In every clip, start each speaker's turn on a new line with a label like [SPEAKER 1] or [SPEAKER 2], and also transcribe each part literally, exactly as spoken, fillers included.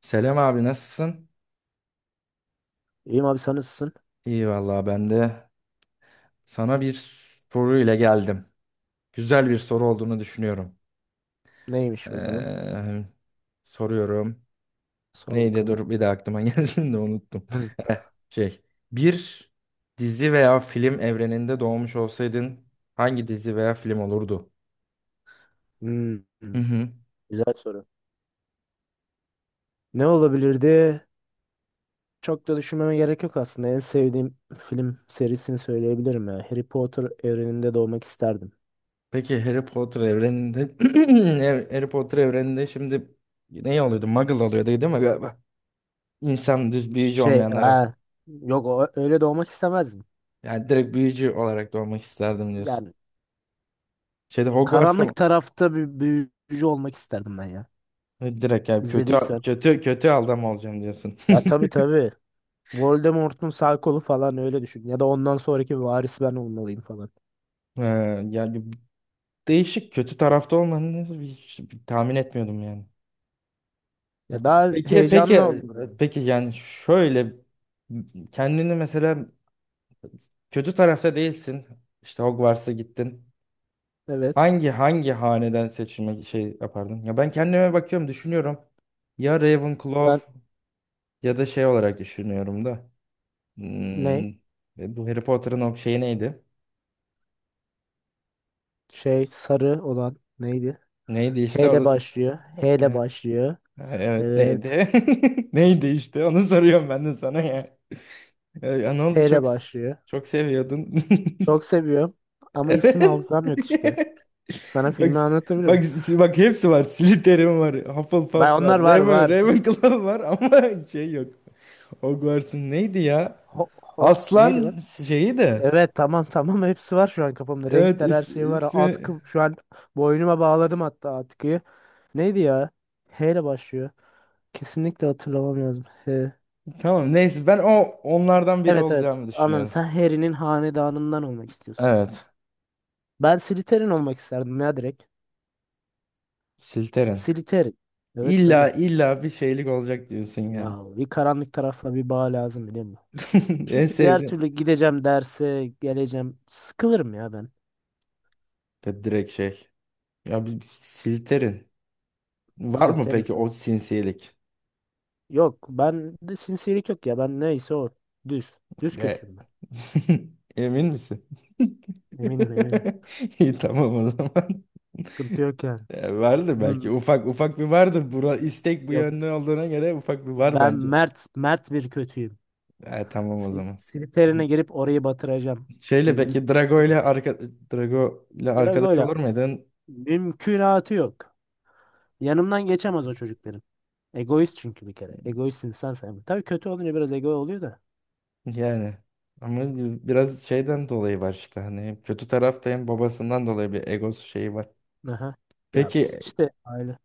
[SPEAKER 1] Selam abi, nasılsın?
[SPEAKER 2] İyiyim abi sen nasılsın?
[SPEAKER 1] İyi vallahi, ben de sana bir soru ile geldim. Güzel bir soru olduğunu düşünüyorum.
[SPEAKER 2] Neymiş bakalım.
[SPEAKER 1] Ee, Soruyorum.
[SPEAKER 2] Sor
[SPEAKER 1] Neydi?
[SPEAKER 2] bakalım.
[SPEAKER 1] Dur, bir de aklıma geldi de unuttum.
[SPEAKER 2] Hı.
[SPEAKER 1] Eh, Şey, Bir dizi veya film evreninde doğmuş olsaydın hangi dizi veya film olurdu?
[SPEAKER 2] Hmm, hmm.
[SPEAKER 1] Hı hı.
[SPEAKER 2] Güzel soru. Ne olabilirdi? Çok da düşünmeme gerek yok aslında. En sevdiğim film serisini söyleyebilirim ya. Harry Potter evreninde doğmak isterdim.
[SPEAKER 1] Peki Harry Potter evreninde Harry Potter evreninde şimdi ne oluyordu? Muggle oluyordu değil mi galiba? İnsan düz, büyücü
[SPEAKER 2] Şey,
[SPEAKER 1] olmayanlara.
[SPEAKER 2] ha, yok o- öyle doğmak istemezdim.
[SPEAKER 1] Yani direkt büyücü olarak doğmak isterdim diyorsun.
[SPEAKER 2] Yani
[SPEAKER 1] Şeyde, Hogwarts'ta mı?
[SPEAKER 2] karanlık tarafta bir büyücü olmak isterdim ben ya.
[SPEAKER 1] E, Direkt yani kötü
[SPEAKER 2] İzlediysen.
[SPEAKER 1] kötü kötü adam olacağım diyorsun.
[SPEAKER 2] Ya tabii tabii. Voldemort'un sağ kolu falan öyle düşün. Ya da ondan sonraki varis ben olmalıyım falan.
[SPEAKER 1] Ee, Yani değişik, kötü tarafta olmanı hiç tahmin etmiyordum yani. Ya,
[SPEAKER 2] Ya daha
[SPEAKER 1] peki peki
[SPEAKER 2] heyecanlı olurdu yani.
[SPEAKER 1] peki yani şöyle, kendini mesela kötü tarafta değilsin. İşte Hogwarts'a gittin.
[SPEAKER 2] Evet.
[SPEAKER 1] Hangi hangi haneden seçilmek şey yapardın? Ya ben kendime bakıyorum, düşünüyorum. Ya
[SPEAKER 2] Ben
[SPEAKER 1] Ravenclaw ya da şey olarak düşünüyorum da.
[SPEAKER 2] ne?
[SPEAKER 1] Hmm. E, Bu Harry Potter'ın o şeyi neydi?
[SPEAKER 2] Şey sarı olan neydi?
[SPEAKER 1] Neydi
[SPEAKER 2] H
[SPEAKER 1] işte
[SPEAKER 2] ile
[SPEAKER 1] orası?
[SPEAKER 2] başlıyor. H ile
[SPEAKER 1] E,
[SPEAKER 2] başlıyor.
[SPEAKER 1] Evet,
[SPEAKER 2] Evet.
[SPEAKER 1] neydi? Neydi işte? Onu soruyorum ben de sana ya. E, ya ne
[SPEAKER 2] H
[SPEAKER 1] oldu,
[SPEAKER 2] ile
[SPEAKER 1] çok
[SPEAKER 2] başlıyor.
[SPEAKER 1] çok seviyordun.
[SPEAKER 2] Çok seviyorum. Ama
[SPEAKER 1] Evet.
[SPEAKER 2] isim hafızam yok işte. Sana
[SPEAKER 1] Bak
[SPEAKER 2] filmi
[SPEAKER 1] bak
[SPEAKER 2] anlatabilirim.
[SPEAKER 1] bak hepsi var. Slytherin var.
[SPEAKER 2] Ben
[SPEAKER 1] Hufflepuff var.
[SPEAKER 2] onlar var
[SPEAKER 1] Raven,
[SPEAKER 2] var.
[SPEAKER 1] Ravenclaw var ama şey yok. Hogwarts'ın neydi ya?
[SPEAKER 2] Ho, ho neydi
[SPEAKER 1] Aslan
[SPEAKER 2] lan?
[SPEAKER 1] şeyi de.
[SPEAKER 2] Evet tamam tamam hepsi var şu an kafamda.
[SPEAKER 1] Evet
[SPEAKER 2] Renkler her
[SPEAKER 1] is-
[SPEAKER 2] şey var.
[SPEAKER 1] ismi
[SPEAKER 2] Atkı şu an boynuma bağladım hatta atkıyı. Neydi ya? H ile başlıyor. Kesinlikle hatırlamam lazım. H.
[SPEAKER 1] tamam, neyse, ben o onlardan biri
[SPEAKER 2] Evet evet.
[SPEAKER 1] olacağımı
[SPEAKER 2] Anladım.
[SPEAKER 1] düşünüyordum.
[SPEAKER 2] Sen Harry'nin hanedanından olmak istiyorsun.
[SPEAKER 1] Evet.
[SPEAKER 2] Ben Slytherin olmak isterdim ya direkt.
[SPEAKER 1] Silteren.
[SPEAKER 2] Slytherin. Evet tabii.
[SPEAKER 1] İlla illa bir şeylik olacak diyorsun yani.
[SPEAKER 2] Ya bir karanlık tarafla bir bağ lazım, biliyor musun?
[SPEAKER 1] En
[SPEAKER 2] Çünkü diğer
[SPEAKER 1] sevdiğim.
[SPEAKER 2] türlü gideceğim derse geleceğim. Sıkılırım ya ben.
[SPEAKER 1] De direkt şey. Ya bir bir Silterin. Var mı
[SPEAKER 2] Slytherin.
[SPEAKER 1] peki o sinsilik?
[SPEAKER 2] Yok, ben de sinsilik yok ya. Ben neyse o. Düz. Düz
[SPEAKER 1] E
[SPEAKER 2] kötüyüm ben.
[SPEAKER 1] Emin misin?
[SPEAKER 2] Eminim eminim.
[SPEAKER 1] İyi, tamam o zaman.
[SPEAKER 2] Sıkıntı yok yani.
[SPEAKER 1] Ya vardır belki.
[SPEAKER 2] Hmm,
[SPEAKER 1] Ufak ufak bir vardır. Bura istek bu
[SPEAKER 2] Yok,
[SPEAKER 1] yönde olduğuna göre ufak bir var
[SPEAKER 2] ben
[SPEAKER 1] bence.
[SPEAKER 2] mert mert bir kötüyüm.
[SPEAKER 1] E tamam o
[SPEAKER 2] Sly-
[SPEAKER 1] zaman.
[SPEAKER 2] Slytherin'e girip orayı batıracağım.
[SPEAKER 1] Şeyle
[SPEAKER 2] Gizli
[SPEAKER 1] peki Drago
[SPEAKER 2] plan.
[SPEAKER 1] ile arka, Drago ile arkadaş
[SPEAKER 2] Drago'yla
[SPEAKER 1] olur muydun?
[SPEAKER 2] mümkünatı yok. Yanımdan geçemez o çocuk benim. Egoist çünkü bir kere. Egoist insan sayılır. Tabii kötü olunca biraz ego oluyor da.
[SPEAKER 1] Yani ama biraz şeyden dolayı var işte, hani kötü tarafta, hem babasından dolayı bir egosu şeyi var.
[SPEAKER 2] Aha. Ya
[SPEAKER 1] Peki
[SPEAKER 2] işte aile.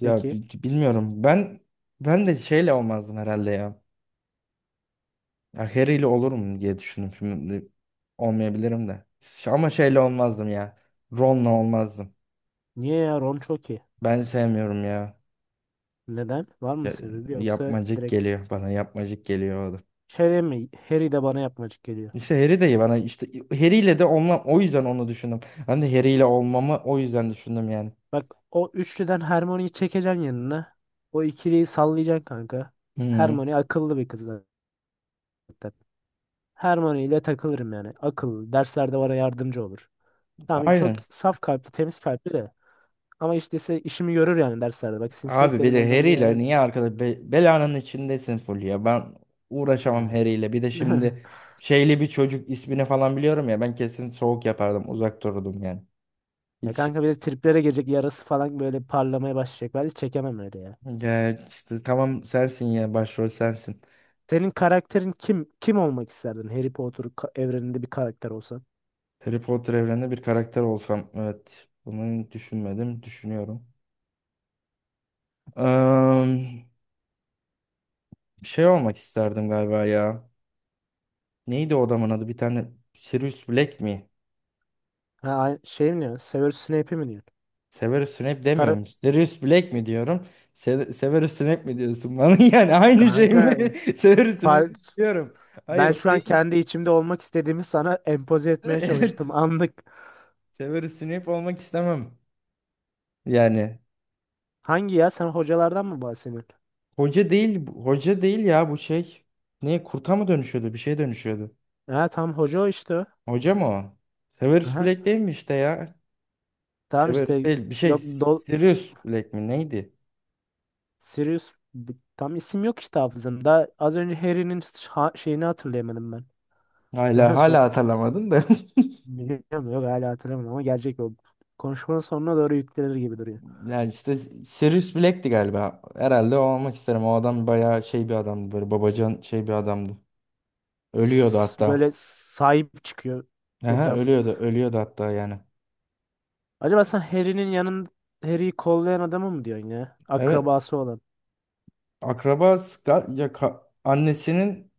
[SPEAKER 1] ya
[SPEAKER 2] Peki.
[SPEAKER 1] bi- bilmiyorum, ben ben de şeyle olmazdım herhalde ya. Ya Harry ile olurum diye düşündüm, şimdi olmayabilirim de. Ş- Ama şeyle olmazdım ya. Ron'la olmazdım.
[SPEAKER 2] Niye ya, Ron çok iyi?
[SPEAKER 1] Ben sevmiyorum ya.
[SPEAKER 2] Neden? Var mı
[SPEAKER 1] Ya-
[SPEAKER 2] sebebi yoksa
[SPEAKER 1] Yapmacık
[SPEAKER 2] direkt
[SPEAKER 1] geliyor bana, yapmacık geliyor o da.
[SPEAKER 2] şey değil mi? Harry de bana yapmacık geliyor.
[SPEAKER 1] İşte Harry de bana, işte Harry ile de olmam, o yüzden onu düşündüm. Ben de Harry ile olmamı o yüzden düşündüm yani.
[SPEAKER 2] Bak, o üçlüden Hermione'yi çekeceksin yanına. O ikiliyi sallayacaksın kanka.
[SPEAKER 1] Hı.
[SPEAKER 2] Hermione akıllı bir kız zaten. Hermione ile takılırım yani. Akıllı. Derslerde bana yardımcı olur. Tamam, çok
[SPEAKER 1] Aynen.
[SPEAKER 2] saf kalpli, temiz kalpli de. Ama işte ise işimi görür yani derslerde. Bak, sinsilik
[SPEAKER 1] Abi bir
[SPEAKER 2] dedin
[SPEAKER 1] de
[SPEAKER 2] oradan bir
[SPEAKER 1] Harry
[SPEAKER 2] hemen
[SPEAKER 1] niye arkada be- belanın içindesin, full ya. Ben uğraşamam
[SPEAKER 2] yani.
[SPEAKER 1] Harry. Bir de şimdi şeyli bir çocuk, ismini falan biliyorum ya. Ben kesin soğuk yapardım. Uzak dururdum yani.
[SPEAKER 2] Ya
[SPEAKER 1] Hiç,
[SPEAKER 2] kanka, bir de triplere girecek, yarası falan böyle parlamaya başlayacak. Ben hiç çekemem öyle ya.
[SPEAKER 1] ya işte tamam, sensin ya, başrol sensin.
[SPEAKER 2] Senin karakterin kim? Kim olmak isterdin? Harry Potter ka- evreninde bir karakter olsan.
[SPEAKER 1] Harry Potter evreninde bir karakter olsam, evet. Bunu düşünmedim. Düşünüyorum. Eee, Şey olmak isterdim galiba ya. Neydi o adamın adı? Bir tane Sirius Black mi?
[SPEAKER 2] Ha, ay- şey mi diyorsun? Severus Snape mi diyorsun?
[SPEAKER 1] Severus Snape
[SPEAKER 2] Kara-
[SPEAKER 1] demiyorum. Sirius Black mi diyorum? Se Severus Snape mi diyorsun bana? Yani aynı şey
[SPEAKER 2] Kanka,
[SPEAKER 1] mi? Severus Snape
[SPEAKER 2] par-
[SPEAKER 1] diyorum. Hayır,
[SPEAKER 2] ben
[SPEAKER 1] o
[SPEAKER 2] şu an
[SPEAKER 1] değil.
[SPEAKER 2] kendi içimde olmak istediğimi sana empoze etmeye
[SPEAKER 1] Evet.
[SPEAKER 2] çalıştım. Anlık.
[SPEAKER 1] Severus Snape olmak istemem. Yani
[SPEAKER 2] Hangi ya? Sen hocalardan mı bahsediyorsun?
[SPEAKER 1] hoca değil, bu- hoca değil ya, bu şey. Ne, kurta mı dönüşüyordu? Bir şey dönüşüyordu.
[SPEAKER 2] Ha, tam hoca o, işte o.
[SPEAKER 1] Hoca mı o? Severus
[SPEAKER 2] Aha.
[SPEAKER 1] Black değil mi işte ya?
[SPEAKER 2] Tamam
[SPEAKER 1] Severus
[SPEAKER 2] işte.
[SPEAKER 1] değil. Bir şey,
[SPEAKER 2] Yok do-
[SPEAKER 1] Sirius Black mi? Neydi?
[SPEAKER 2] Sirius b- tam isim yok işte hafızamda. Az önce Harry'nin ş- ha- şeyini hatırlayamadım ben.
[SPEAKER 1] Hala
[SPEAKER 2] Bana sor.
[SPEAKER 1] hala hatırlamadım da.
[SPEAKER 2] Biliyor mu? Yok, hala hatırlamadım ama gelecek o. Konuşmanın sonuna doğru yüklenir gibi duruyor.
[SPEAKER 1] Yani işte Sirius Black'ti galiba. Herhalde o olmak isterim. O adam bayağı şey bir adamdı. Böyle babacan şey bir adamdı. Ölüyordu
[SPEAKER 2] S-
[SPEAKER 1] hatta.
[SPEAKER 2] Böyle sahip çıkıyor
[SPEAKER 1] Aha,
[SPEAKER 2] etrafı.
[SPEAKER 1] ölüyordu. Ölüyordu hatta yani.
[SPEAKER 2] Acaba sen Harry'nin yanın Harry'yi kollayan adamı mı diyorsun ya?
[SPEAKER 1] Evet.
[SPEAKER 2] Akrabası olan.
[SPEAKER 1] Akrabası ga- ya ka- annesinin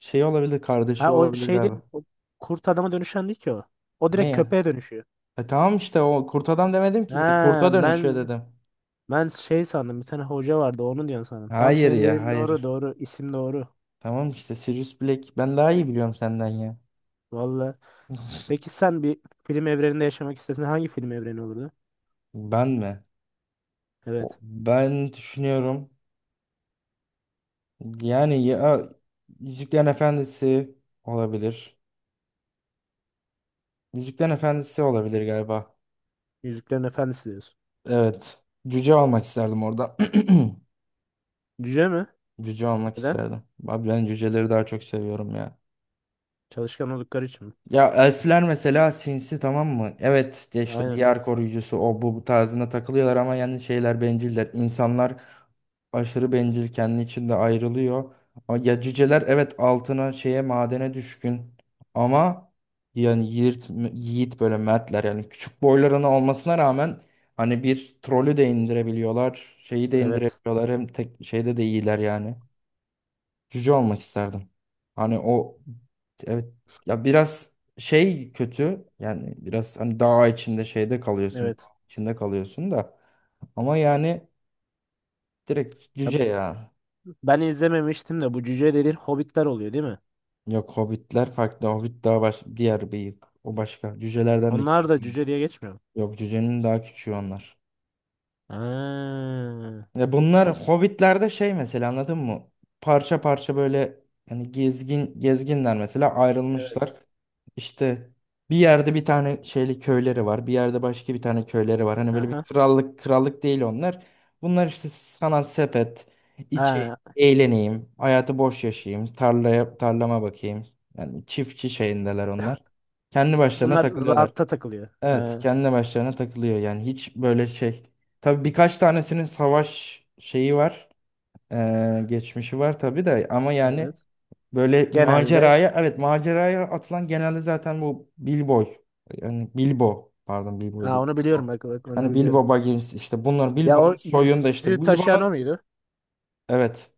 [SPEAKER 1] şey olabilir. Kardeşi
[SPEAKER 2] Ha, o
[SPEAKER 1] olabilir
[SPEAKER 2] şey değil.
[SPEAKER 1] galiba.
[SPEAKER 2] O kurt adama dönüşen değil ki o. O
[SPEAKER 1] Ne
[SPEAKER 2] direkt
[SPEAKER 1] ya?
[SPEAKER 2] köpeğe dönüşüyor.
[SPEAKER 1] E tamam işte, o kurt adam demedim ki zaten.
[SPEAKER 2] Ha,
[SPEAKER 1] Kurta dönüşüyor
[SPEAKER 2] ben
[SPEAKER 1] dedim.
[SPEAKER 2] ben şey sandım. Bir tane hoca vardı, onu diyorsun sandım. Tam
[SPEAKER 1] Hayır
[SPEAKER 2] senin
[SPEAKER 1] ya,
[SPEAKER 2] dediğin doğru
[SPEAKER 1] hayır.
[SPEAKER 2] doğru. isim doğru.
[SPEAKER 1] Tamam işte Sirius Black. Ben daha iyi biliyorum senden ya.
[SPEAKER 2] Vallahi. Peki sen bir film evreninde yaşamak istesen hangi film evreni olurdu?
[SPEAKER 1] Ben mi? O-
[SPEAKER 2] Evet.
[SPEAKER 1] Ben düşünüyorum. Yani ya Yüzüklerin Efendisi olabilir. Yüzüklerin Efendisi olabilir galiba.
[SPEAKER 2] Yüzüklerin Efendisi diyorsun.
[SPEAKER 1] Evet. Cüce almak isterdim orada.
[SPEAKER 2] Cüce mi?
[SPEAKER 1] Cüce almak
[SPEAKER 2] Neden?
[SPEAKER 1] isterdim. Abi ben cüceleri daha çok seviyorum ya.
[SPEAKER 2] Çalışkan oldukları için mi?
[SPEAKER 1] Ya elfler mesela sinsi, tamam mı? Evet de işte
[SPEAKER 2] Aynen.
[SPEAKER 1] diğer koruyucusu o bu, bu tarzında takılıyorlar ama yani şeyler benciller. İnsanlar aşırı bencil, kendi içinde ayrılıyor. Ama ya cüceler, evet altına şeye, madene düşkün ama yani yiğit, yiğit böyle mertler, yani küçük boylarına olmasına rağmen hani bir trolü de indirebiliyorlar, şeyi de
[SPEAKER 2] Evet.
[SPEAKER 1] indirebiliyorlar, hem tek şeyde de iyiler yani. Cüce olmak isterdim. Hani o, evet, ya biraz şey kötü yani, biraz hani dağ içinde şeyde kalıyorsun,
[SPEAKER 2] Evet.
[SPEAKER 1] içinde kalıyorsun da ama yani direkt
[SPEAKER 2] Ya
[SPEAKER 1] cüce ya.
[SPEAKER 2] ben izlememiştim de, bu cüce dediğin hobbitler oluyor değil mi?
[SPEAKER 1] Yok, hobbitler farklı, hobbit daha baş, diğer bir, o başka cücelerden de
[SPEAKER 2] Onlar
[SPEAKER 1] küçük.
[SPEAKER 2] da cüce diye geçmiyor mu?
[SPEAKER 1] Yok, cücenin daha küçüğü onlar.
[SPEAKER 2] Ha.
[SPEAKER 1] Ya bunlar
[SPEAKER 2] Hobbit.
[SPEAKER 1] Hobbit'lerde şey mesela, anladın mı? Parça parça böyle, hani gezgin, gezginler mesela
[SPEAKER 2] Evet.
[SPEAKER 1] ayrılmışlar. İşte bir yerde bir tane şeyli köyleri var. Bir yerde başka bir tane köyleri var. Hani böyle bir
[SPEAKER 2] Aha.
[SPEAKER 1] krallık, krallık değil onlar. Bunlar işte sanat sepet, içi
[SPEAKER 2] Ha.
[SPEAKER 1] eğleneyim, hayatı boş yaşayayım, tarlaya tarlama bakayım. Yani çiftçi şeyindeler onlar. Kendi başlarına
[SPEAKER 2] Bunlar
[SPEAKER 1] takılıyorlar.
[SPEAKER 2] rahatta takılıyor.
[SPEAKER 1] Evet,
[SPEAKER 2] Ha.
[SPEAKER 1] kendi başlarına takılıyor. Yani hiç böyle şey. Tabii birkaç tanesinin savaş şeyi var. Eee, geçmişi var tabii de ama yani
[SPEAKER 2] Evet.
[SPEAKER 1] böyle
[SPEAKER 2] Genelde.
[SPEAKER 1] maceraya, evet maceraya atılan genelde zaten bu Bilbo, yani Bilbo, pardon Bilbo
[SPEAKER 2] Ha,
[SPEAKER 1] değil.
[SPEAKER 2] onu biliyorum,
[SPEAKER 1] Bilbo.
[SPEAKER 2] bak bak onu
[SPEAKER 1] Hani
[SPEAKER 2] biliyorum.
[SPEAKER 1] Bilbo Baggins, işte bunlar
[SPEAKER 2] Ya
[SPEAKER 1] Bilbo'nun
[SPEAKER 2] o
[SPEAKER 1] soyunda, işte
[SPEAKER 2] yüzüğü taşıyan o
[SPEAKER 1] Bilbo'nun,
[SPEAKER 2] muydu?
[SPEAKER 1] evet.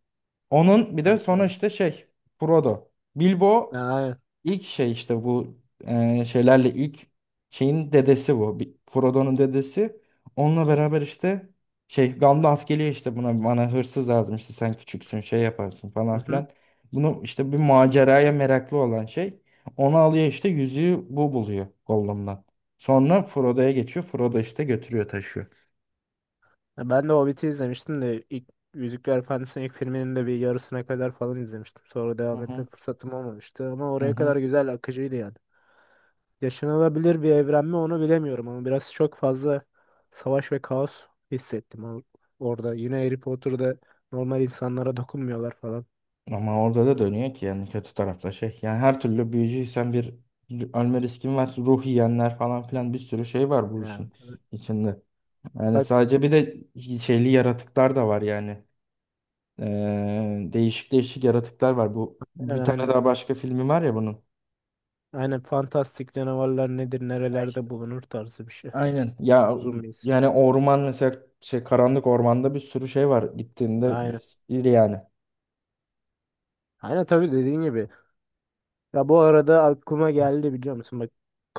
[SPEAKER 1] Onun bir de
[SPEAKER 2] Tamam,
[SPEAKER 1] sonra
[SPEAKER 2] öyle.
[SPEAKER 1] işte şey, Frodo. Bilbo
[SPEAKER 2] Ha, aynen.
[SPEAKER 1] İlk şey işte bu, e, şeylerle ilk şeyin dedesi bu. Bir- Frodo'nun dedesi. Onunla beraber işte şey Gandalf geliyor, işte buna bana hırsız lazım, işte sen küçüksün şey yaparsın falan
[SPEAKER 2] Mhm.
[SPEAKER 1] filan. Bunu işte bir maceraya meraklı olan şey. Onu alıyor işte, yüzüğü bu buluyor Gollum'dan. Sonra Frodo'ya geçiyor. Frodo işte götürüyor, taşıyor.
[SPEAKER 2] Ya ben de Hobbit'i izlemiştim de ilk Yüzükler Efendisi'nin ilk filminin de bir yarısına kadar falan izlemiştim. Sonra
[SPEAKER 1] Hı
[SPEAKER 2] devam
[SPEAKER 1] hı.
[SPEAKER 2] etme fırsatım olmamıştı ama
[SPEAKER 1] Hı
[SPEAKER 2] oraya
[SPEAKER 1] hı.
[SPEAKER 2] kadar güzel akıcıydı yani. Yaşanılabilir bir evren mi, onu bilemiyorum ama biraz çok fazla savaş ve kaos hissettim or- orada. Yine Harry Potter'da normal insanlara dokunmuyorlar falan.
[SPEAKER 1] Ama orada da dönüyor ki, yani kötü tarafta şey. Yani her türlü büyücüysen bir ölme riskin var. Ruh yiyenler falan filan, bir sürü şey var bu
[SPEAKER 2] Yani.
[SPEAKER 1] işin içinde. Yani
[SPEAKER 2] Bak,
[SPEAKER 1] sadece bir de şeyli yaratıklar da var yani. Ee, değişik değişik yaratıklar var. Bu bir
[SPEAKER 2] aynen
[SPEAKER 1] tane
[SPEAKER 2] aynen.
[SPEAKER 1] daha başka filmi var ya bunun.
[SPEAKER 2] Aynen, fantastik canavarlar nedir
[SPEAKER 1] Ha işte.
[SPEAKER 2] nerelerde bulunur tarzı bir şey.
[SPEAKER 1] Aynen. Ya
[SPEAKER 2] Uzun bir isim.
[SPEAKER 1] yani orman mesela şey, karanlık ormanda bir sürü şey var gittiğinde,
[SPEAKER 2] Aynen.
[SPEAKER 1] iyi yani.
[SPEAKER 2] Aynen, tabii dediğin gibi. Ya bu arada aklıma geldi, biliyor musun?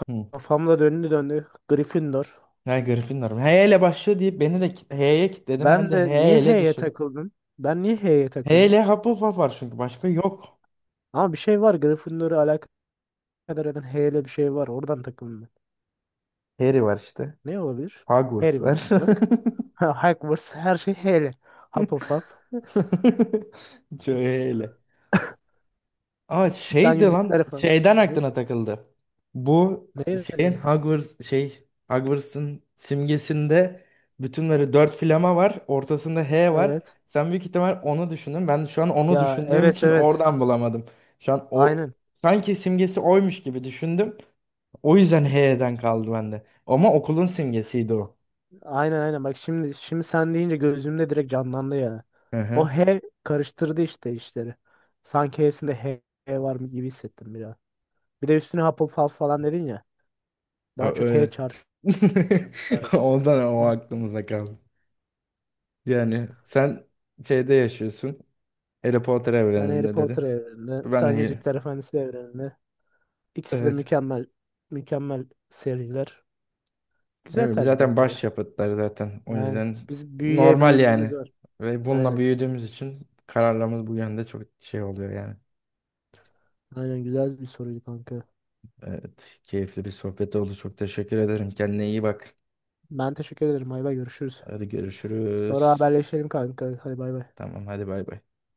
[SPEAKER 1] Hı.
[SPEAKER 2] Kafamda döndü döndü. Gryffindor.
[SPEAKER 1] Ha, Gryffindor. H ile başlıyor deyip beni de H'ye kilitledim. Ben
[SPEAKER 2] Ben
[SPEAKER 1] de
[SPEAKER 2] de
[SPEAKER 1] H
[SPEAKER 2] niye
[SPEAKER 1] ile
[SPEAKER 2] H'ye
[SPEAKER 1] dışı.
[SPEAKER 2] takıldım? Ben niye H'ye takıldım?
[SPEAKER 1] Hele Hufflepuff var çünkü, başka yok.
[SPEAKER 2] Ama bir şey var. Gryffindor'u alakadar eden H ile bir şey var. Oradan takıldım ben.
[SPEAKER 1] Harry var işte.
[SPEAKER 2] Ne olabilir?
[SPEAKER 1] Hogwarts
[SPEAKER 2] Harry var
[SPEAKER 1] var.
[SPEAKER 2] işte, bak. Hogwarts, her şey H H'li. Hufflepuff.
[SPEAKER 1] Şöyle. Aa,
[SPEAKER 2] Sen
[SPEAKER 1] şeydi lan.
[SPEAKER 2] yüzükler falan.
[SPEAKER 1] Şeyden
[SPEAKER 2] Ne?
[SPEAKER 1] aklına takıldı. Bu
[SPEAKER 2] Ne?
[SPEAKER 1] şeyin
[SPEAKER 2] Yani?
[SPEAKER 1] Hogwarts şey, Hogwarts'ın simgesinde bütünleri dört flama var. Ortasında H var.
[SPEAKER 2] Evet.
[SPEAKER 1] Sen büyük ihtimal onu düşündün. Ben şu an onu
[SPEAKER 2] Ya,
[SPEAKER 1] düşündüğüm
[SPEAKER 2] evet
[SPEAKER 1] için
[SPEAKER 2] evet.
[SPEAKER 1] oradan bulamadım. Şu an o
[SPEAKER 2] Aynen.
[SPEAKER 1] sanki simgesi oymuş gibi düşündüm. O yüzden H'den kaldı bende. Ama okulun simgesiydi o.
[SPEAKER 2] Aynen aynen. Bak, şimdi şimdi sen deyince gözümde direkt canlandı ya.
[SPEAKER 1] Hı
[SPEAKER 2] O
[SPEAKER 1] hı.
[SPEAKER 2] H karıştırdı işte işleri. Sanki hepsinde H H var mı gibi hissettim biraz. Bir de üstüne Hufflepuff falan dedin ya.
[SPEAKER 1] Ya
[SPEAKER 2] Daha çok H
[SPEAKER 1] öyle.
[SPEAKER 2] çağrıştı. Çağrıştı.
[SPEAKER 1] Ondan
[SPEAKER 2] Hı.
[SPEAKER 1] o aklımıza kaldı. Yani sen şeyde yaşıyorsun. Harry Potter
[SPEAKER 2] Ben Harry
[SPEAKER 1] evreninde dedi.
[SPEAKER 2] Potter evreninde, sen
[SPEAKER 1] Ben de
[SPEAKER 2] Yüzükler Efendisi evreninde. İkisi de
[SPEAKER 1] evet.
[SPEAKER 2] mükemmel, mükemmel seriler.
[SPEAKER 1] Ne
[SPEAKER 2] Güzel
[SPEAKER 1] bileyim,
[SPEAKER 2] tercih
[SPEAKER 1] zaten
[SPEAKER 2] bence ya.
[SPEAKER 1] başyapıtlar zaten. O
[SPEAKER 2] Yani
[SPEAKER 1] yüzden
[SPEAKER 2] biz büyüye bir
[SPEAKER 1] normal
[SPEAKER 2] ilgimiz
[SPEAKER 1] yani.
[SPEAKER 2] var.
[SPEAKER 1] Ve bununla
[SPEAKER 2] Aynen.
[SPEAKER 1] büyüdüğümüz için kararlarımız bu yönde çok şey oluyor yani.
[SPEAKER 2] Aynen, güzel bir soruydu kanka.
[SPEAKER 1] Evet, keyifli bir sohbet oldu. Çok teşekkür ederim. Kendine iyi bak.
[SPEAKER 2] Ben teşekkür ederim. Bay bay, görüşürüz.
[SPEAKER 1] Hadi
[SPEAKER 2] Sonra
[SPEAKER 1] görüşürüz.
[SPEAKER 2] haberleşelim kanka. Hadi bay bay.
[SPEAKER 1] Tamam, hadi bay bay.